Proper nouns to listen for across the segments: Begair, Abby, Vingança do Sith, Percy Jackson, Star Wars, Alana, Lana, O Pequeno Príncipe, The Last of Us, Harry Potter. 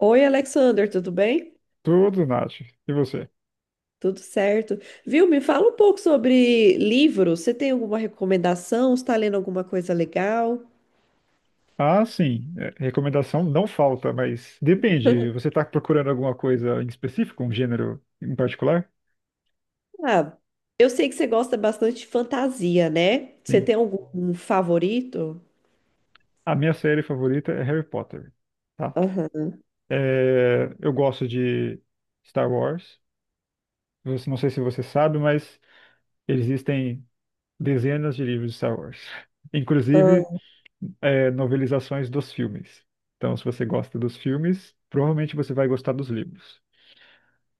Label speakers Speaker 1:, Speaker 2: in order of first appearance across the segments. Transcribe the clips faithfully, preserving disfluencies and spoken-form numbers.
Speaker 1: Oi, Alexander, tudo bem?
Speaker 2: Tudo, Nath. E você?
Speaker 1: Tudo certo. Viu? Me fala um pouco sobre livros. Você tem alguma recomendação? Está lendo alguma coisa legal?
Speaker 2: Ah, sim. É, recomendação não falta, mas depende. Você está procurando alguma coisa em específico, um gênero em particular?
Speaker 1: Ah, eu sei que você gosta bastante de fantasia, né? Você
Speaker 2: Sim.
Speaker 1: tem algum favorito?
Speaker 2: A minha série favorita é Harry Potter, tá?
Speaker 1: Aham.
Speaker 2: É, eu gosto de Star Wars. Você- não sei se você sabe, mas existem dezenas de livros de Star Wars. Inclusive,
Speaker 1: Aham.
Speaker 2: é, novelizações dos filmes. Então, se você gosta dos filmes, provavelmente você vai gostar dos livros.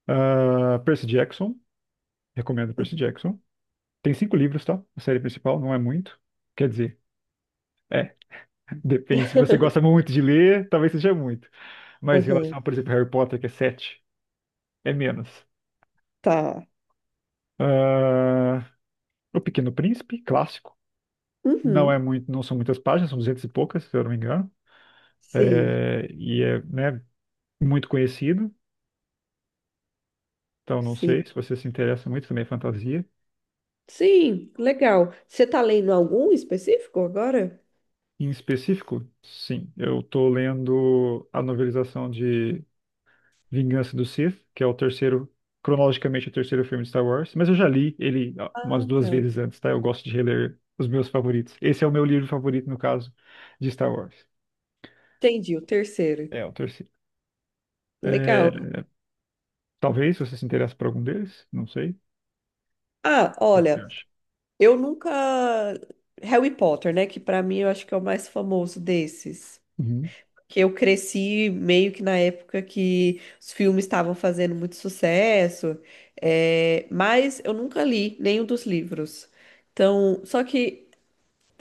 Speaker 2: Ah, Percy Jackson. Recomendo Percy Jackson. Tem cinco livros, tá? A série principal não é muito. Quer dizer, é, depende. Se você gosta muito de ler, talvez seja muito. Mas em
Speaker 1: Aham.
Speaker 2: relação, por exemplo, Harry Potter, que é sete, é menos.
Speaker 1: Tá.
Speaker 2: Ah, O Pequeno Príncipe, clássico. Não é
Speaker 1: Uhum.
Speaker 2: muito, não são muitas páginas, são duzentas e poucas, se eu não me engano.
Speaker 1: Sim,
Speaker 2: É, e é, né, muito conhecido. Então, não
Speaker 1: sim.
Speaker 2: sei se você se interessa muito também é fantasia.
Speaker 1: Sim, legal. Você está lendo algum específico agora?
Speaker 2: Em específico, sim. Eu tô lendo a novelização de Vingança do Sith, que é o terceiro, cronologicamente o terceiro filme de Star Wars, mas eu já li ele ah, umas
Speaker 1: Ah,
Speaker 2: duas
Speaker 1: tá.
Speaker 2: vezes antes, tá? Eu gosto de reler os meus favoritos. Esse é o meu livro favorito, no caso, de Star Wars.
Speaker 1: Entendi, o terceiro.
Speaker 2: É o terceiro. É,
Speaker 1: Legal.
Speaker 2: talvez você se interesse por algum deles, não sei.
Speaker 1: Ah,
Speaker 2: O que você
Speaker 1: olha.
Speaker 2: acha?
Speaker 1: Eu nunca. Harry Potter, né? Que pra mim eu acho que é o mais famoso desses.
Speaker 2: Uhum.
Speaker 1: Que eu cresci meio que na época que os filmes estavam fazendo muito sucesso. é, Mas eu nunca li nenhum dos livros. Então, só que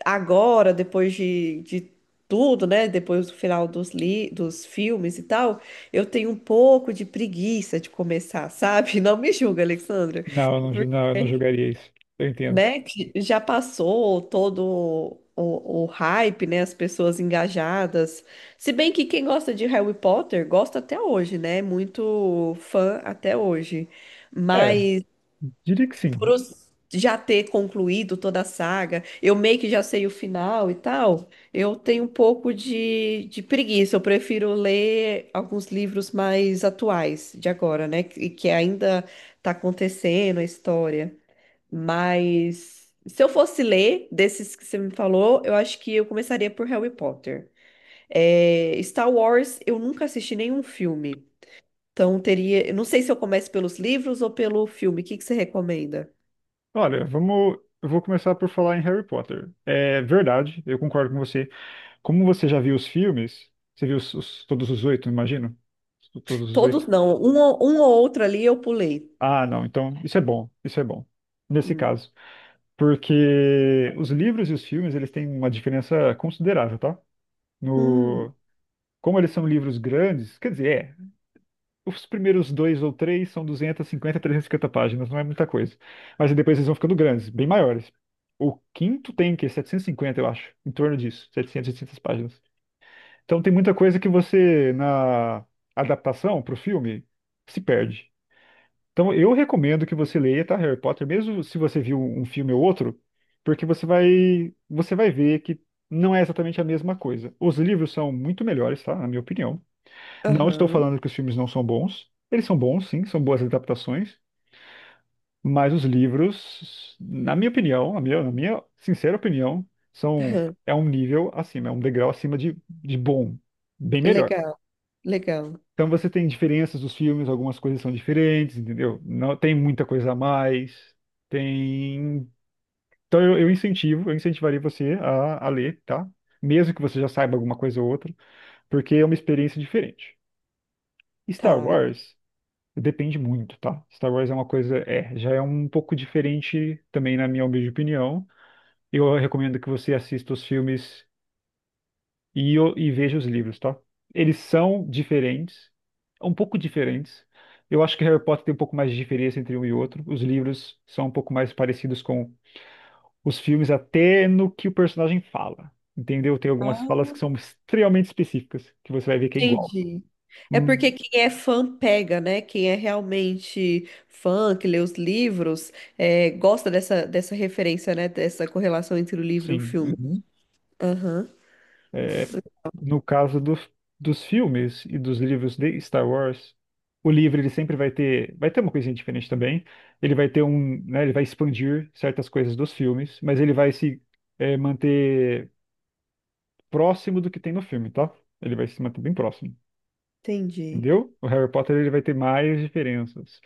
Speaker 1: agora, depois de, de tudo, né? Depois do final dos, li... dos filmes e tal, eu tenho um pouco de preguiça de começar, sabe? Não me julga, Alexandra,
Speaker 2: Não, eu não, jo- não, eu não jogaria isso. Eu entendo.
Speaker 1: né, que já passou todo o, o hype, né, as pessoas engajadas. Se bem que quem gosta de Harry Potter gosta até hoje, né, é muito fã até hoje.
Speaker 2: É,
Speaker 1: Mas
Speaker 2: diria que
Speaker 1: por
Speaker 2: sim.
Speaker 1: os- já ter concluído toda a saga, eu meio que já sei o final e tal, eu tenho um pouco de, de preguiça. Eu prefiro ler alguns livros mais atuais de agora, né, e que, que ainda tá acontecendo a história. Mas se eu fosse ler desses que você me falou, eu acho que eu começaria por Harry Potter. É, Star Wars, eu nunca assisti nenhum filme. Então teria, eu não sei se eu começo pelos livros ou pelo filme. O que que você recomenda?
Speaker 2: Olha, vamos. Eu vou começar por falar em Harry Potter. É verdade, eu concordo com você. Como você já viu os filmes, você viu os, os- todos os oito, imagino? Todos os
Speaker 1: Todos
Speaker 2: oito.
Speaker 1: não, um, ou- um ou outro ali eu pulei.
Speaker 2: Ah, não, então isso é bom, isso é bom. Nesse
Speaker 1: Hum.
Speaker 2: caso, porque os livros e os filmes, eles têm uma diferença considerável, tá?
Speaker 1: Hum.
Speaker 2: No, Como eles são livros grandes, quer dizer, é, os primeiros dois ou três são duzentas e cinquenta, trezentas e trezentas e cinquenta páginas, não é muita coisa. Mas depois eles vão ficando grandes, bem maiores. O quinto tem o quê? Setecentas e cinquenta, eu acho, em torno disso, setecentas, oitocentas páginas. Então tem muita coisa que você, na adaptação para o filme, se perde. Então eu recomendo que você leia, tá, Harry Potter, mesmo se você viu um filme ou outro, porque você vai, você vai ver que não é exatamente a mesma coisa. Os livros são muito melhores, tá? Na minha opinião. Não estou
Speaker 1: Aham,
Speaker 2: falando que os filmes não são bons. Eles são bons, sim, são boas adaptações, mas os livros, na minha opinião, na minha, na minha sincera opinião, são,
Speaker 1: aham.
Speaker 2: é um nível acima, é um degrau acima de, de bom, bem melhor.
Speaker 1: Legal, legal.
Speaker 2: Então você tem diferenças dos filmes, algumas coisas são diferentes, entendeu? Não tem muita coisa a mais. Tem. Então eu, eu incentivo, eu incentivaria você a, a ler, tá? Mesmo que você já saiba alguma coisa ou outra, porque é uma experiência diferente. Star
Speaker 1: Tá.
Speaker 2: Wars depende muito, tá? Star Wars é uma coisa, é, já é um pouco diferente também na minha humilde opinião. Eu recomendo que você assista os filmes e, o- e veja os livros, tá? Eles são diferentes, um pouco diferentes. Eu acho que Harry Potter tem um pouco mais de diferença entre um e outro. Os livros são um pouco mais parecidos com os filmes, até no que o personagem fala. Entendeu? Tem algumas
Speaker 1: Ah,
Speaker 2: falas que são extremamente específicas, que você vai ver que é igual.
Speaker 1: entendi. É
Speaker 2: Hum,
Speaker 1: porque quem é fã pega, né? Quem é realmente fã, que lê os livros, é, gosta dessa, dessa referência, né? Dessa correlação entre o livro e o
Speaker 2: sim.
Speaker 1: filme.
Speaker 2: Uhum.
Speaker 1: Aham,
Speaker 2: É, no caso dos, dos filmes e dos livros de Star Wars, o livro ele sempre vai ter, vai ter uma coisinha diferente também. Ele vai ter um, né, ele vai expandir certas coisas dos filmes, mas ele vai se eh, manter próximo do que tem no filme, tá? Ele vai se manter bem próximo.
Speaker 1: entendi.
Speaker 2: Entendeu? O Harry Potter ele vai ter mais diferenças.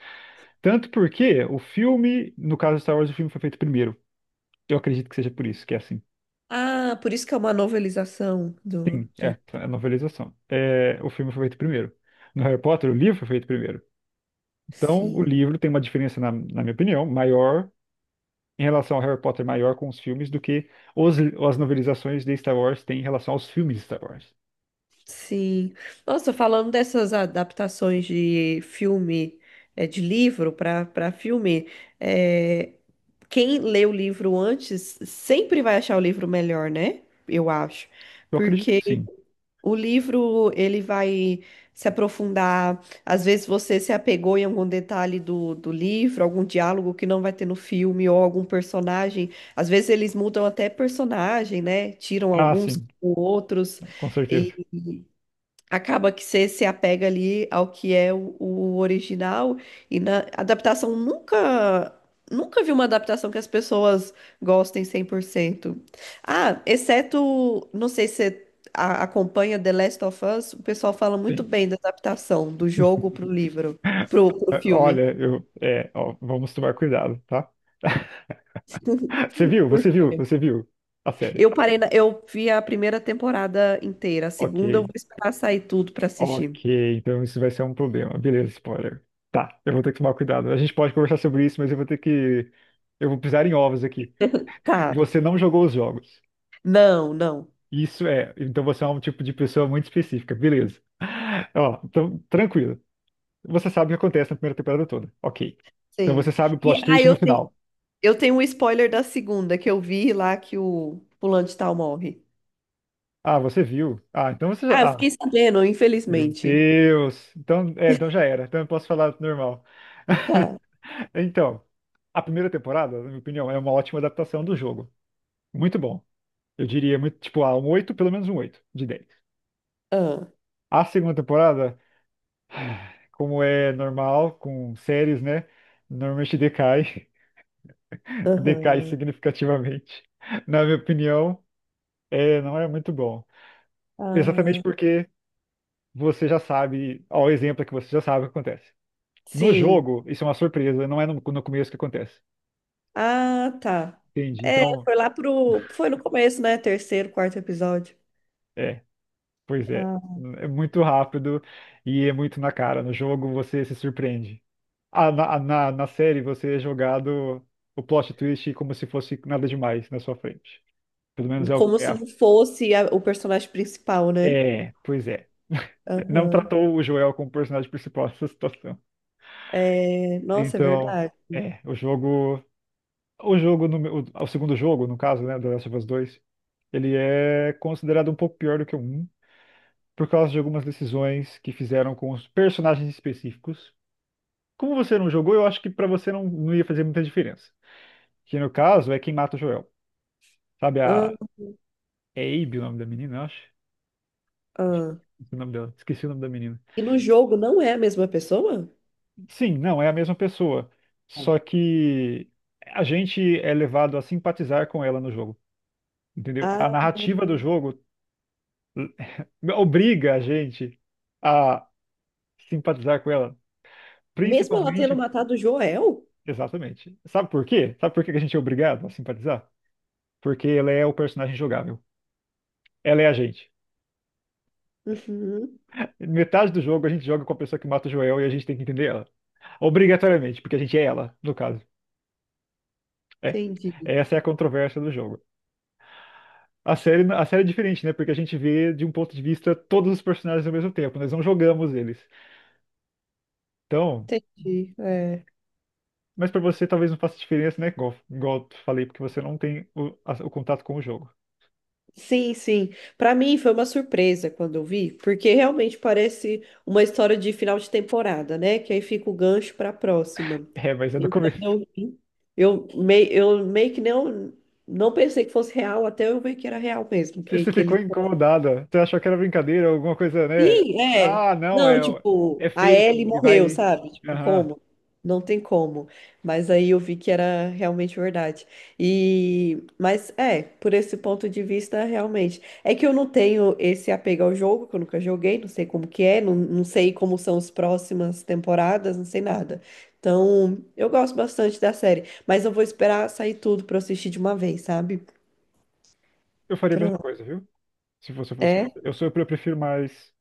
Speaker 2: Tanto porque o filme, no caso de Star Wars, o filme foi feito primeiro. Eu acredito que seja por isso, que é assim.
Speaker 1: Ah, por isso que é uma novelização do,
Speaker 2: Sim, é,
Speaker 1: do...
Speaker 2: é a novelização. É, o filme foi feito primeiro. No Harry Potter, o livro foi feito primeiro. Então, o
Speaker 1: Sim.
Speaker 2: livro tem uma diferença, na, na minha opinião, maior em relação ao Harry Potter, maior com os filmes do que os, as novelizações de Star Wars têm em relação aos filmes de Star Wars.
Speaker 1: Sim. Nossa, falando dessas adaptações de filme, é, de livro para para filme, é, quem lê o livro antes sempre vai achar o livro melhor, né? Eu acho.
Speaker 2: Eu acredito,
Speaker 1: Porque
Speaker 2: que sim.
Speaker 1: o livro ele vai se aprofundar. Às vezes você se apegou em algum detalhe do, do livro, algum diálogo que não vai ter no filme, ou algum personagem. Às vezes eles mudam até personagem, né? Tiram
Speaker 2: Ah,
Speaker 1: alguns,
Speaker 2: sim,
Speaker 1: outros.
Speaker 2: com certeza.
Speaker 1: E acaba que você se apega ali ao que é o, o original e na adaptação nunca nunca vi uma adaptação que as pessoas gostem cem por cento. Ah, exceto, não sei se você a- acompanha The Last of Us, o pessoal fala muito
Speaker 2: Sim.
Speaker 1: bem da adaptação do jogo pro livro, pro, pro filme.
Speaker 2: Olha, eu, é, ó, vamos tomar cuidado, tá? Você viu? Você viu? Você viu a série?
Speaker 1: Eu parei na- eu vi a primeira temporada inteira, a
Speaker 2: Ok,
Speaker 1: segunda eu vou esperar sair tudo pra assistir.
Speaker 2: ok. Então isso vai ser um problema. Beleza, spoiler. Tá, eu vou ter que tomar cuidado. A gente pode conversar sobre isso, mas eu vou ter que. Eu vou pisar em ovos aqui.
Speaker 1: Tá.
Speaker 2: Você não jogou os jogos.
Speaker 1: Não, não.
Speaker 2: Isso é. Então você é um tipo de pessoa muito específica. Beleza. Ó, então, tranquilo. Você sabe o que acontece na primeira temporada toda. Ok. Então você
Speaker 1: Sei.
Speaker 2: sabe o
Speaker 1: E
Speaker 2: plot
Speaker 1: ah,
Speaker 2: twist no
Speaker 1: eu tenho
Speaker 2: final.
Speaker 1: Eu tenho um spoiler da segunda que eu vi lá que o fulano de tal morre.
Speaker 2: Ah, você viu. Ah, então você
Speaker 1: Ah, eu
Speaker 2: já. Ah,
Speaker 1: fiquei sabendo,
Speaker 2: meu
Speaker 1: infelizmente.
Speaker 2: Deus. Então, é, então já era. Então eu posso falar normal.
Speaker 1: Tá.
Speaker 2: Então, a primeira temporada, na minha opinião, é uma ótima adaptação do jogo. Muito bom. Eu diria muito, tipo, ah, um oito, pelo menos um oito de dez.
Speaker 1: Ah,
Speaker 2: A segunda temporada. Como é normal com séries, né? Normalmente decai, decai
Speaker 1: aham.
Speaker 2: significativamente. Na minha opinião, é, não é muito bom. Exatamente
Speaker 1: Ah,
Speaker 2: porque você já sabe, ao exemplo é que você já sabe o que acontece. No
Speaker 1: sim.
Speaker 2: jogo, isso é uma surpresa, não é no, no começo que acontece.
Speaker 1: Ah, tá.
Speaker 2: Entende?
Speaker 1: É,
Speaker 2: Então,
Speaker 1: foi lá pro. Foi no começo, né? Terceiro, quarto episódio.
Speaker 2: é, pois é.
Speaker 1: Ah.
Speaker 2: É muito rápido e é muito na cara. No jogo você se surpreende. Ah, na, ah, na, na série você é jogado o plot twist como se fosse nada demais na sua frente. Pelo menos é, o-
Speaker 1: Como
Speaker 2: é,
Speaker 1: se
Speaker 2: a-
Speaker 1: não fosse a- o personagem principal, né?
Speaker 2: é, pois é. Não
Speaker 1: Aham.
Speaker 2: tratou o Joel como personagem principal dessa situação.
Speaker 1: É, nossa, é
Speaker 2: Então,
Speaker 1: verdade.
Speaker 2: é, o jogo, o jogo no, meu- o, o segundo jogo, no caso, né, The Last of Us dois ele é considerado um pouco pior do que o um por causa de algumas decisões que fizeram com os personagens específicos. Como você não jogou, eu acho que pra você não, não ia fazer muita diferença. Que no caso é quem mata o Joel. Sabe
Speaker 1: Ah,
Speaker 2: a é Abby o nome da menina, eu acho.
Speaker 1: ah.
Speaker 2: Esqueci o nome dela. Esqueci o nome da menina.
Speaker 1: E no jogo não é a mesma pessoa?
Speaker 2: Sim, não, é a mesma pessoa. Só que a gente é levado a simpatizar com ela no jogo, entendeu? A
Speaker 1: Ah,
Speaker 2: narrativa do jogo eh, obriga a gente a simpatizar com ela,
Speaker 1: mesmo ela tendo
Speaker 2: principalmente,
Speaker 1: matado o Joel?
Speaker 2: exatamente. Sabe por quê? Sabe por que que a gente é obrigado a simpatizar? Porque ela é o personagem jogável. Ela é a gente.
Speaker 1: Uhum.
Speaker 2: Metade do jogo a gente joga com a pessoa que mata o Joel e a gente tem que entender ela. Obrigatoriamente, porque a gente é ela, no caso. É.
Speaker 1: Entendi,
Speaker 2: Essa é a controvérsia do jogo. A série, a série é diferente, né? Porque a gente vê de um ponto de vista todos os personagens ao mesmo tempo, nós não jogamos eles. Então,
Speaker 1: entendi. É.
Speaker 2: mas pra você talvez não faça diferença, né? Igual, igual eu falei, porque você não tem o, a- o contato com o jogo.
Speaker 1: Sim, sim. Para mim foi uma surpresa quando eu vi, porque realmente parece uma história de final de temporada, né? Que aí fica o gancho para a próxima.
Speaker 2: É, mas é do
Speaker 1: E quando
Speaker 2: começo.
Speaker 1: eu vi, eu, mei, eu meio que não, não pensei que fosse real, até eu ver que era real mesmo, que,
Speaker 2: Você
Speaker 1: que ele...
Speaker 2: ficou incomodada. Você achou que era brincadeira, alguma coisa, né?
Speaker 1: Sim, é.
Speaker 2: Ah, não,
Speaker 1: Não,
Speaker 2: é,
Speaker 1: tipo,
Speaker 2: é
Speaker 1: a
Speaker 2: fake,
Speaker 1: Ellie
Speaker 2: ele
Speaker 1: morreu,
Speaker 2: vai.
Speaker 1: sabe? Tipo,
Speaker 2: Aham.
Speaker 1: como? Não tem como. Mas aí eu vi que era realmente verdade. E, mas é, por esse ponto de vista, realmente. É que eu não tenho esse apego ao jogo, que eu nunca joguei, não sei como que é, não, não sei como são as próximas temporadas, não sei nada. Então, eu gosto bastante da série, mas eu vou esperar sair tudo pra eu assistir de uma vez, sabe?
Speaker 2: Eu faria a mesma
Speaker 1: Pra...
Speaker 2: coisa, viu? Se você fosse
Speaker 1: É?
Speaker 2: você. Eu sou, eu prefiro mais.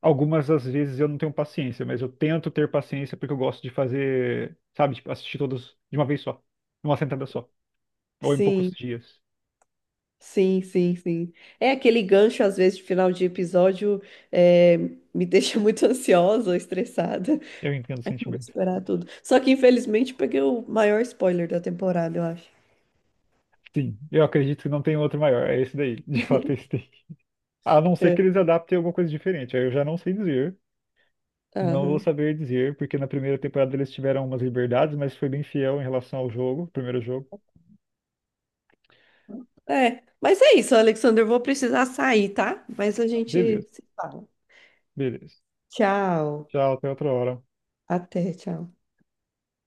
Speaker 2: Algumas das vezes eu não tenho paciência, mas eu tento ter paciência porque eu gosto de fazer, sabe, tipo, assistir todos de uma vez só, numa sentada só, ou em poucos
Speaker 1: Sim.
Speaker 2: dias.
Speaker 1: Sim, sim, sim. É aquele gancho, às vezes, de final de episódio, eh, me deixa muito ansiosa, estressada.
Speaker 2: Eu entendo o
Speaker 1: Aí eu vou
Speaker 2: sentimento.
Speaker 1: esperar tudo. Só que, infelizmente, peguei o maior spoiler da temporada, eu acho.
Speaker 2: Sim, eu acredito que não tem outro maior, é esse daí, de fato é esse daí. A não ser
Speaker 1: É,
Speaker 2: que eles adaptem alguma coisa diferente, aí eu já não sei dizer, não vou
Speaker 1: aham.
Speaker 2: saber dizer, porque na primeira temporada eles tiveram umas liberdades, mas foi bem fiel em relação ao jogo, primeiro jogo.
Speaker 1: É, mas é isso, Alexander. Eu vou precisar sair, tá? Mas a
Speaker 2: Não, beleza,
Speaker 1: gente se fala.
Speaker 2: beleza.
Speaker 1: Tchau.
Speaker 2: Tchau, até outra hora.
Speaker 1: Até, tchau.